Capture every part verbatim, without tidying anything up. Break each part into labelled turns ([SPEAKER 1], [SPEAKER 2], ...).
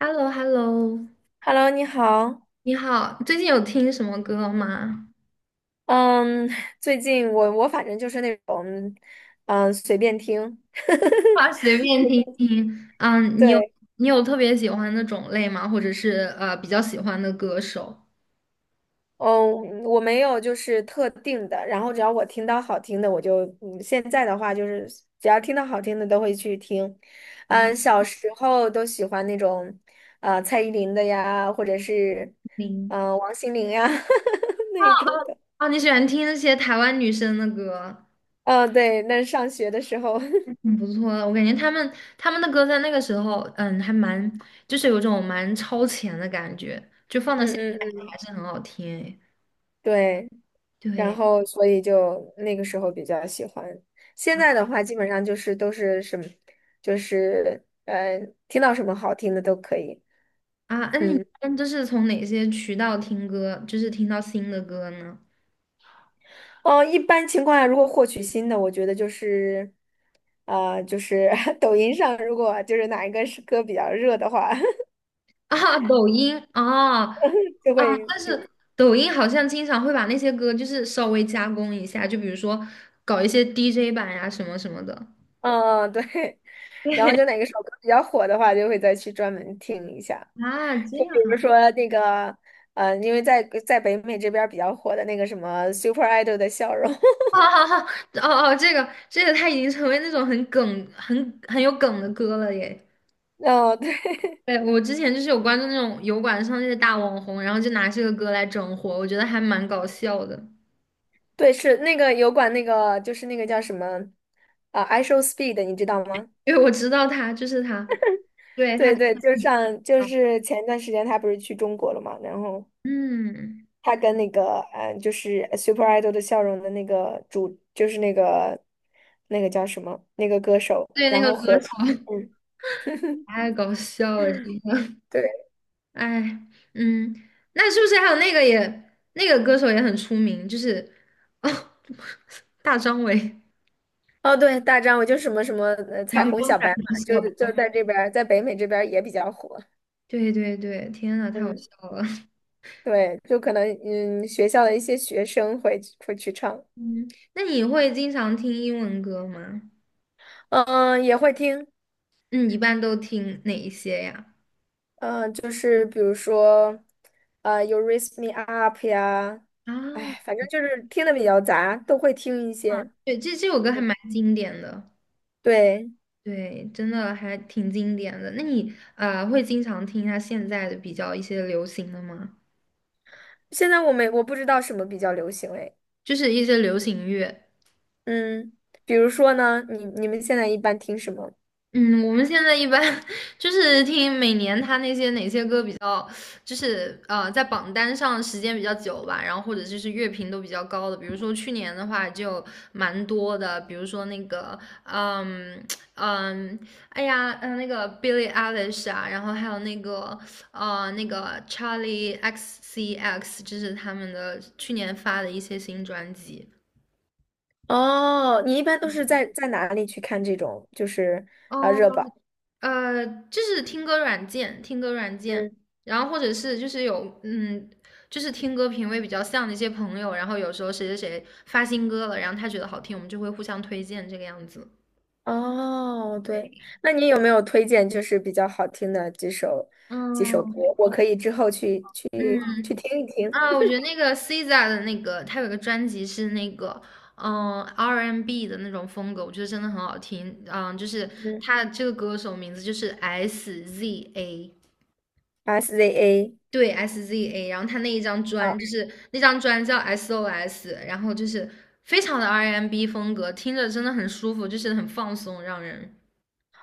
[SPEAKER 1] h e l l o h e l l o
[SPEAKER 2] Hello，你好。
[SPEAKER 1] 你好，最近有听什么歌吗？
[SPEAKER 2] 嗯，最近我我反正就是那种，嗯，随便听。
[SPEAKER 1] 啊，随便听 听。嗯，你有
[SPEAKER 2] 对，
[SPEAKER 1] 你有特别喜欢的种类吗？或者是呃比较喜欢的歌手？
[SPEAKER 2] 嗯，我没有就是特定的，然后只要我听到好听的，我就，嗯，现在的话就是只要听到好听的都会去听。嗯，小时候都喜欢那种，呃，蔡依林的呀，或者是，
[SPEAKER 1] 听，
[SPEAKER 2] 嗯、王心凌呀 那一种的。
[SPEAKER 1] 啊，你喜欢听那些台湾女生的歌，
[SPEAKER 2] 嗯、对，那上学的时候，嗯
[SPEAKER 1] 挺不错的。我感觉她们她们的歌在那个时候，嗯，还蛮就是有种蛮超前的感觉，就放到现
[SPEAKER 2] 嗯
[SPEAKER 1] 在
[SPEAKER 2] 嗯，
[SPEAKER 1] 还是很好听诶。
[SPEAKER 2] 对。然
[SPEAKER 1] 对
[SPEAKER 2] 后所以就那个时候比较喜欢。现在的话，基本上就是都是什么，就是呃，听到什么好听的都可以。
[SPEAKER 1] 啊，那你一
[SPEAKER 2] 嗯，
[SPEAKER 1] 般就是从哪些渠道听歌，就是听到新的歌呢？
[SPEAKER 2] 哦，一般情况下，如果获取新的，我觉得就是，啊，就是 抖音上，如果就是哪一个是歌比较热的话，
[SPEAKER 1] 啊，抖音啊
[SPEAKER 2] 就
[SPEAKER 1] 啊，
[SPEAKER 2] 会
[SPEAKER 1] 但是
[SPEAKER 2] 第，
[SPEAKER 1] 抖音好像经常会把那些歌就是稍微加工一下，就比如说搞一些 D J 版呀、什么什么的
[SPEAKER 2] 嗯嗯对，然后
[SPEAKER 1] 对，
[SPEAKER 2] 就哪个首歌比较火的话，就会再去专门听一下。
[SPEAKER 1] 啊，这
[SPEAKER 2] 就比如
[SPEAKER 1] 样。
[SPEAKER 2] 说那个，呃，因为在在北美这边儿比较火的那个什么 Super Idol 的笑容，
[SPEAKER 1] 啊啊啊！哦哦，这个这个，它已经成为那种很梗、很很有梗的歌了耶。
[SPEAKER 2] 哦，对
[SPEAKER 1] 对，我之前就是有关注那种油管上那些大网红，然后就拿这个歌来整活，我觉得还蛮搞笑的。
[SPEAKER 2] 对，是那个油管那个，就是那个叫什么啊，I Show Speed，你知道吗？
[SPEAKER 1] 因为我知道他就是他，对他，
[SPEAKER 2] 对对，就上就是前段时间他不是去中国了嘛，然后
[SPEAKER 1] 嗯，
[SPEAKER 2] 他跟那个嗯、呃就是 Super Idol 的笑容的那个主，就是那个那个叫什么那个歌手，
[SPEAKER 1] 对那
[SPEAKER 2] 然
[SPEAKER 1] 个
[SPEAKER 2] 后合
[SPEAKER 1] 歌词。
[SPEAKER 2] 唱嗯，
[SPEAKER 1] 太搞笑了，真的。
[SPEAKER 2] 对，
[SPEAKER 1] 哎，嗯，那是不是还有那个也那个歌手也很出名，就是哦，大张伟。
[SPEAKER 2] 哦对，大张，我就什么什么呃彩
[SPEAKER 1] 阳
[SPEAKER 2] 虹
[SPEAKER 1] 光
[SPEAKER 2] 小
[SPEAKER 1] 伞
[SPEAKER 2] 白
[SPEAKER 1] 不
[SPEAKER 2] 马，就
[SPEAKER 1] 笑吧。
[SPEAKER 2] 是就在这边儿，在北美这边儿也比较火，
[SPEAKER 1] 对对对，天呐，太好
[SPEAKER 2] 嗯，
[SPEAKER 1] 笑了。
[SPEAKER 2] 对，就可能嗯学校的一些学生会会去唱。
[SPEAKER 1] 嗯，那你会经常听英文歌吗？
[SPEAKER 2] 嗯，也会听，
[SPEAKER 1] 嗯，一般都听哪一些呀？
[SPEAKER 2] 嗯，就是比如说，呃，You Raise Me Up 呀，
[SPEAKER 1] 啊，
[SPEAKER 2] 哎，反正就是听的比较杂，都会听一
[SPEAKER 1] 啊，
[SPEAKER 2] 些。
[SPEAKER 1] 对，这这首歌还蛮经典的，
[SPEAKER 2] 对，
[SPEAKER 1] 对，真的还挺经典的。那你呃会经常听他现在的比较一些流行的吗？
[SPEAKER 2] 现在我没我不知道什么比较流行哎，
[SPEAKER 1] 就是一些流行乐。
[SPEAKER 2] 嗯，比如说呢，你你们现在一般听什么？
[SPEAKER 1] 嗯，我们现在一般 就是听每年他那些哪些歌比较，就是呃在榜单上时间比较久吧，然后或者就是乐评都比较高的，比如说去年的话就蛮多的，比如说那个嗯嗯，哎呀，呃那个 Billie Eilish 啊，然后还有那个呃那个 Charlie X C X，这是他们的去年发的一些新专辑。
[SPEAKER 2] 哦，你一般都是在在哪里去看这种就是啊、
[SPEAKER 1] 哦
[SPEAKER 2] 热榜？
[SPEAKER 1] 呃，就是听歌软件，听歌软件，
[SPEAKER 2] 嗯，
[SPEAKER 1] 然后或者是就是有嗯，就是听歌品味比较像的一些朋友，然后有时候谁谁谁发新歌了，然后他觉得好听，我们就会互相推荐这个样子。
[SPEAKER 2] 哦，对，那你有没有推荐就是比较好听的几首几首歌？
[SPEAKER 1] 嗯，
[SPEAKER 2] 我可以之后去去去
[SPEAKER 1] 嗯
[SPEAKER 2] 听一听。
[SPEAKER 1] 啊，我觉得那个 S Z A 的那个，他有个专辑是那个嗯 R and B 的那种风格，我觉得真的很好听。嗯，就是
[SPEAKER 2] 嗯
[SPEAKER 1] 他这个歌手名字就是 S Z A。
[SPEAKER 2] ，S Z A
[SPEAKER 1] 对 S Z A，然后他那一张
[SPEAKER 2] 啊，
[SPEAKER 1] 专
[SPEAKER 2] 哦，
[SPEAKER 1] 就是那张专叫 S O S，然后就是非常的 R and B 风格，听着真的很舒服，就是很放松，让人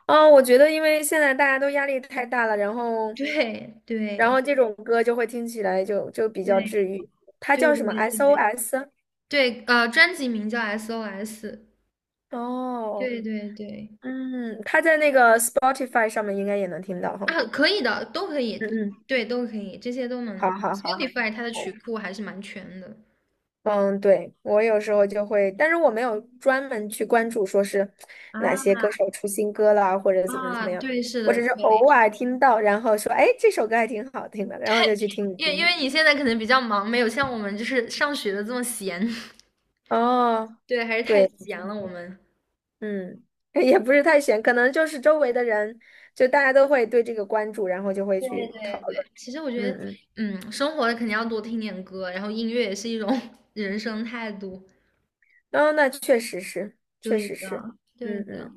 [SPEAKER 2] 哦我觉得因为现在大家都压力太大了，然后，
[SPEAKER 1] 对
[SPEAKER 2] 然
[SPEAKER 1] 对
[SPEAKER 2] 后这种歌就会听起来就就比
[SPEAKER 1] 对
[SPEAKER 2] 较治愈。它
[SPEAKER 1] 对
[SPEAKER 2] 叫什么
[SPEAKER 1] 对对
[SPEAKER 2] ？S O S？
[SPEAKER 1] 对，呃，专辑名叫 S O S，
[SPEAKER 2] 哦，
[SPEAKER 1] 对对对
[SPEAKER 2] 嗯，它在那个 Spotify 上面应该也能听到哈。
[SPEAKER 1] 啊，可以的，都可
[SPEAKER 2] 嗯
[SPEAKER 1] 以，
[SPEAKER 2] 嗯，
[SPEAKER 1] 对，都可以，这些都
[SPEAKER 2] 好
[SPEAKER 1] 能。
[SPEAKER 2] 好好。
[SPEAKER 1] Spotify 它的曲库还是蛮全的
[SPEAKER 2] 嗯，对，我有时候就会，但是我没有专门去关注说是哪些
[SPEAKER 1] 啊
[SPEAKER 2] 歌手出新歌啦，或者怎么怎
[SPEAKER 1] 啊，
[SPEAKER 2] 么样，
[SPEAKER 1] 对，是
[SPEAKER 2] 我
[SPEAKER 1] 的，
[SPEAKER 2] 只是
[SPEAKER 1] 对，
[SPEAKER 2] 偶尔听到，然后说，哎，这首歌还挺好听的，然后就去听一
[SPEAKER 1] 因为因为
[SPEAKER 2] 听。
[SPEAKER 1] 你现在可能比较忙，没有像我们就是上学的这么闲。
[SPEAKER 2] 哦，
[SPEAKER 1] 对，还是太
[SPEAKER 2] 对，
[SPEAKER 1] 闲了，我们。
[SPEAKER 2] 嗯，也不是太悬，可能就是周围的人，就大家都会对这个关注，然后就会
[SPEAKER 1] 对对
[SPEAKER 2] 去讨
[SPEAKER 1] 对，
[SPEAKER 2] 论。
[SPEAKER 1] 其实我觉
[SPEAKER 2] 嗯
[SPEAKER 1] 得，
[SPEAKER 2] 嗯，
[SPEAKER 1] 嗯，生活肯定要多听点歌，然后音乐也是一种 人生态度。
[SPEAKER 2] 哦，那确实是，确
[SPEAKER 1] 对
[SPEAKER 2] 实是，
[SPEAKER 1] 的，对
[SPEAKER 2] 嗯
[SPEAKER 1] 的。
[SPEAKER 2] 嗯，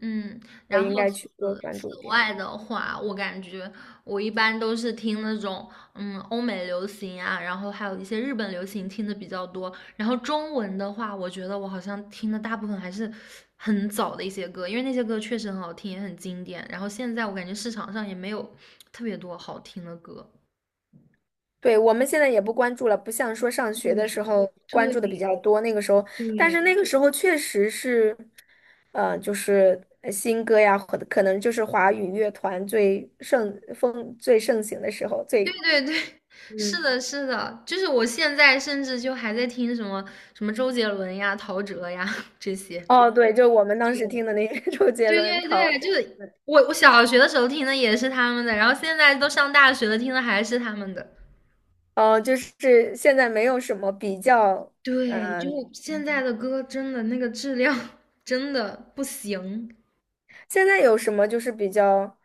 [SPEAKER 1] 嗯，
[SPEAKER 2] 我
[SPEAKER 1] 然
[SPEAKER 2] 应
[SPEAKER 1] 后
[SPEAKER 2] 该
[SPEAKER 1] 此
[SPEAKER 2] 去多关注一
[SPEAKER 1] 此
[SPEAKER 2] 点。
[SPEAKER 1] 外的话，我感觉我一般都是听那种嗯欧美流行啊，然后还有一些日本流行听的比较多。然后中文的话，我觉得我好像听的大部分还是很早的一些歌，因为那些歌确实很好听，也很经典。然后现在我感觉市场上也没有特别多好听的歌。
[SPEAKER 2] 对，我们现在也不关注了，不像说上学的时候关
[SPEAKER 1] 对
[SPEAKER 2] 注
[SPEAKER 1] 对
[SPEAKER 2] 的比较多，那个时候，但是那
[SPEAKER 1] 对，
[SPEAKER 2] 个时候确实是，呃，就是呃新歌呀，或者可能就是华语乐团最盛风最盛行的时候，
[SPEAKER 1] 对
[SPEAKER 2] 最
[SPEAKER 1] 对对，
[SPEAKER 2] 嗯，
[SPEAKER 1] 是的，是的，就是我现在甚至就还在听什么什么周杰伦呀、陶喆呀这些。
[SPEAKER 2] 哦，对，就我们当时听
[SPEAKER 1] 对，
[SPEAKER 2] 的那个 周杰
[SPEAKER 1] 对
[SPEAKER 2] 伦、
[SPEAKER 1] 对
[SPEAKER 2] 陶
[SPEAKER 1] 对，
[SPEAKER 2] 喆，
[SPEAKER 1] 就是我我小学的时候听的也是他们的，然后现在都上大学了，听的还是他们的。
[SPEAKER 2] 哦，就是现在没有什么比较，
[SPEAKER 1] 对，就
[SPEAKER 2] 嗯、
[SPEAKER 1] 现在的歌真的那个质量 真的不行，
[SPEAKER 2] 现在有什么就是比较，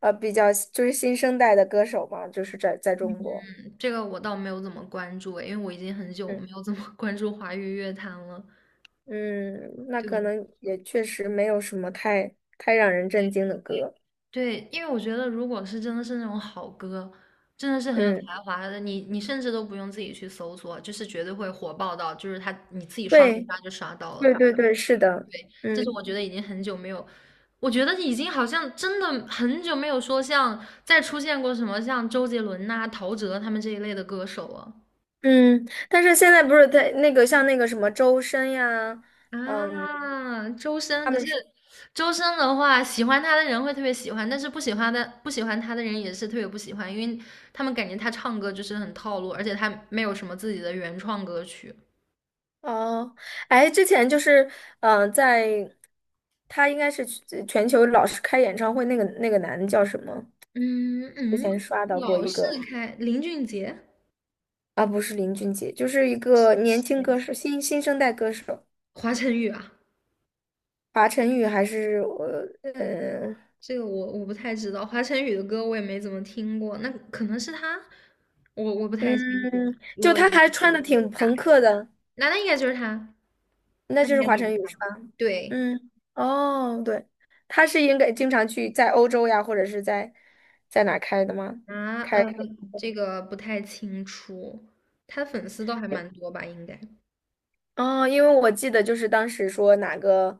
[SPEAKER 2] 呃，比较就是新生代的歌手嘛，就是在在中国。
[SPEAKER 1] 这个我倒没有怎么关注诶，因为我已经很久
[SPEAKER 2] 嗯。
[SPEAKER 1] 没有怎么 关注华语乐坛了。
[SPEAKER 2] 嗯，那可
[SPEAKER 1] 对，
[SPEAKER 2] 能也确实没有什么太太让人震惊的歌。
[SPEAKER 1] 对，因为我觉得，如果是真的是那种好歌，真的是很有
[SPEAKER 2] 嗯，
[SPEAKER 1] 才华的，你你甚至都不用自己去搜索，就是绝对会火爆到，就是他你自己刷刷
[SPEAKER 2] 对，
[SPEAKER 1] 刷就刷到
[SPEAKER 2] 对
[SPEAKER 1] 了。
[SPEAKER 2] 对对，是的，
[SPEAKER 1] 这是
[SPEAKER 2] 嗯
[SPEAKER 1] 我觉得已经很久没有，我觉得已经好像真的很久没有说像再出现过什么像周杰伦呐、陶喆他们这一类的歌手了。
[SPEAKER 2] 嗯，但是现在不是在那个像那个什么周深呀，嗯，
[SPEAKER 1] 啊，周深，
[SPEAKER 2] 他
[SPEAKER 1] 可是
[SPEAKER 2] 们是
[SPEAKER 1] 周深的话，喜欢他的人会特别喜欢，但是不喜欢的不喜欢他的人也是特别不喜欢，因为他们感觉他唱歌就是很套路，而且他没有什么自己的原创歌曲。
[SPEAKER 2] 哦，哎，之前就是嗯、呃在他应该是全全球老是开演唱会那个那个男的叫什么？
[SPEAKER 1] 嗯
[SPEAKER 2] 之
[SPEAKER 1] 嗯，
[SPEAKER 2] 前刷到过
[SPEAKER 1] 老
[SPEAKER 2] 一
[SPEAKER 1] 是
[SPEAKER 2] 个
[SPEAKER 1] 开林俊杰、
[SPEAKER 2] 啊，不是林俊杰，就是一个年轻歌手，新新生代歌手。
[SPEAKER 1] 华晨宇啊，
[SPEAKER 2] 华晨宇还是我，呃，
[SPEAKER 1] 这个我我不太知道，华晨宇的歌我也没怎么听过，那可能是他，我我不太清楚。
[SPEAKER 2] 嗯，
[SPEAKER 1] 如
[SPEAKER 2] 就
[SPEAKER 1] 果影
[SPEAKER 2] 他
[SPEAKER 1] 响
[SPEAKER 2] 还穿
[SPEAKER 1] 力
[SPEAKER 2] 的
[SPEAKER 1] 这
[SPEAKER 2] 挺
[SPEAKER 1] 么大，
[SPEAKER 2] 朋克的，
[SPEAKER 1] 那那应该就是他，
[SPEAKER 2] 那
[SPEAKER 1] 那
[SPEAKER 2] 就
[SPEAKER 1] 应
[SPEAKER 2] 是
[SPEAKER 1] 该就
[SPEAKER 2] 华
[SPEAKER 1] 是
[SPEAKER 2] 晨宇
[SPEAKER 1] 他，
[SPEAKER 2] 是吧？
[SPEAKER 1] 对。
[SPEAKER 2] 嗯，哦，对，他是应该经常去在欧洲呀，或者是在在哪儿开的吗？
[SPEAKER 1] 啊，
[SPEAKER 2] 开。
[SPEAKER 1] 呃，这个不太清楚，他粉丝倒还蛮多吧，应该。
[SPEAKER 2] 哦，因为我记得就是当时说哪个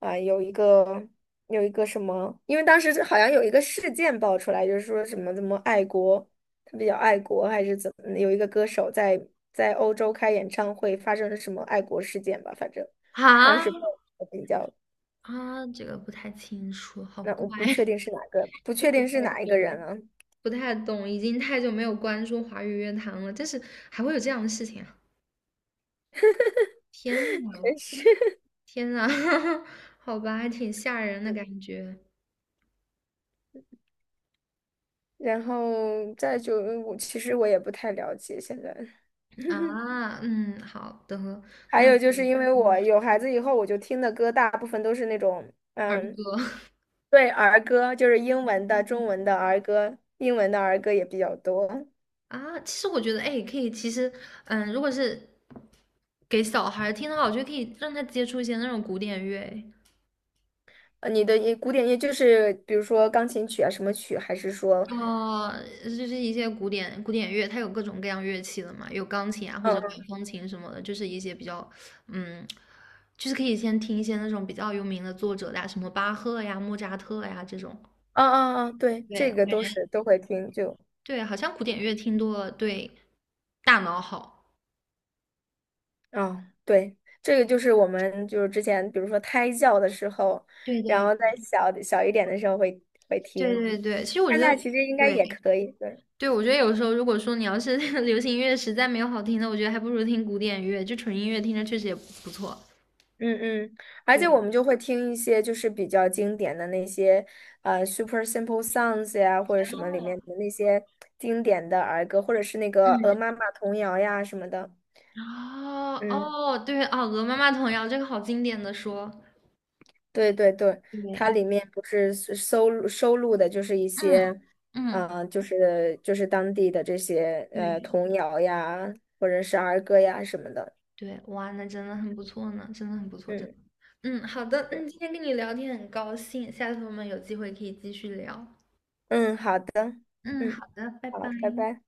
[SPEAKER 2] 啊、有一个有一个什么，因为当时好像有一个事件爆出来，就是说什么怎么爱国，他比较爱国还是怎么，有一个歌手在在欧洲开演唱会发生了什么爱国事件吧，反正当时爆
[SPEAKER 1] 啊
[SPEAKER 2] 得比较，
[SPEAKER 1] 啊，这个不太清楚，好
[SPEAKER 2] 那
[SPEAKER 1] 怪，
[SPEAKER 2] 我不确定是哪个，不
[SPEAKER 1] 就
[SPEAKER 2] 确
[SPEAKER 1] 不
[SPEAKER 2] 定
[SPEAKER 1] 太
[SPEAKER 2] 是哪一个
[SPEAKER 1] 懂，
[SPEAKER 2] 人了，
[SPEAKER 1] 不太懂，已经太久没有关注华语乐坛了，但是还会有这样的事情啊！天呐，
[SPEAKER 2] 真是。
[SPEAKER 1] 天呐，好吧，还挺吓人的感觉
[SPEAKER 2] 然后再就嗯我其实我也不太了解现在。
[SPEAKER 1] 啊。嗯，好的，
[SPEAKER 2] 还
[SPEAKER 1] 那
[SPEAKER 2] 有
[SPEAKER 1] 个
[SPEAKER 2] 就是因为我有孩子以后，我就听的歌大部分都是那种，
[SPEAKER 1] 儿
[SPEAKER 2] 嗯，
[SPEAKER 1] 歌
[SPEAKER 2] 对，儿歌，就是英文的、中文的儿歌，英文的儿歌也比较多。
[SPEAKER 1] 啊，其实我觉得，哎，可以，其实，嗯，如果是给小孩儿听的话，我觉得可以让他接触一些那种古典乐，
[SPEAKER 2] 呃，你的一古典乐就是比如说钢琴曲啊，什么曲，还是说，
[SPEAKER 1] 呃，就是一些古典古典乐，它有各种各样乐器的嘛，有钢琴啊或者管
[SPEAKER 2] 嗯，
[SPEAKER 1] 风琴什么的，就是一些比较，嗯，就是可以先听一些那种比较有名的作者的呀，什么巴赫呀、莫扎特呀这种。
[SPEAKER 2] 啊啊啊，对，
[SPEAKER 1] 对，
[SPEAKER 2] 这
[SPEAKER 1] 我
[SPEAKER 2] 个
[SPEAKER 1] 感
[SPEAKER 2] 都
[SPEAKER 1] 觉
[SPEAKER 2] 是都会听，就，
[SPEAKER 1] 对，好像古典乐听多了对大脑好。
[SPEAKER 2] 啊，对，这个就是我们就是之前比如说胎教的时候，
[SPEAKER 1] 对
[SPEAKER 2] 然
[SPEAKER 1] 对
[SPEAKER 2] 后在小小一点的时候会会
[SPEAKER 1] 对
[SPEAKER 2] 听，
[SPEAKER 1] 对对，其实我觉
[SPEAKER 2] 现
[SPEAKER 1] 得
[SPEAKER 2] 在其实应该
[SPEAKER 1] 对
[SPEAKER 2] 也可以，对。
[SPEAKER 1] 对，我觉得有时候如果说你要是 流行音乐实在没有好听的，我觉得还不如听古典乐，就纯音乐听着确实也不不错。
[SPEAKER 2] 嗯嗯，而
[SPEAKER 1] 对，
[SPEAKER 2] 且我们就会听一些就是比较经典的那些呃 Super Simple Songs 呀，或者什么里面的那些经典的儿歌，或者是那个《鹅妈
[SPEAKER 1] 嗯，
[SPEAKER 2] 妈童谣》呀什么的。
[SPEAKER 1] 哦
[SPEAKER 2] 嗯，
[SPEAKER 1] 哦，对哦，鹅妈妈童谣这个好经典的说，
[SPEAKER 2] 对对对，它
[SPEAKER 1] 对，
[SPEAKER 2] 里面不是收收录收录的就是一些，
[SPEAKER 1] 嗯嗯，
[SPEAKER 2] 呃，就是就是当地的这些呃
[SPEAKER 1] 对，
[SPEAKER 2] 童谣呀，或者是儿歌呀什么的。
[SPEAKER 1] 对，哇，那真的很不错呢，真的很不错，真
[SPEAKER 2] 嗯
[SPEAKER 1] 的。嗯，好的，嗯，今天跟你聊天很高兴，下次我们有机会可以继续聊。
[SPEAKER 2] 嗯，好的，
[SPEAKER 1] 嗯，
[SPEAKER 2] 嗯，
[SPEAKER 1] 好的，拜拜。
[SPEAKER 2] 好，拜拜。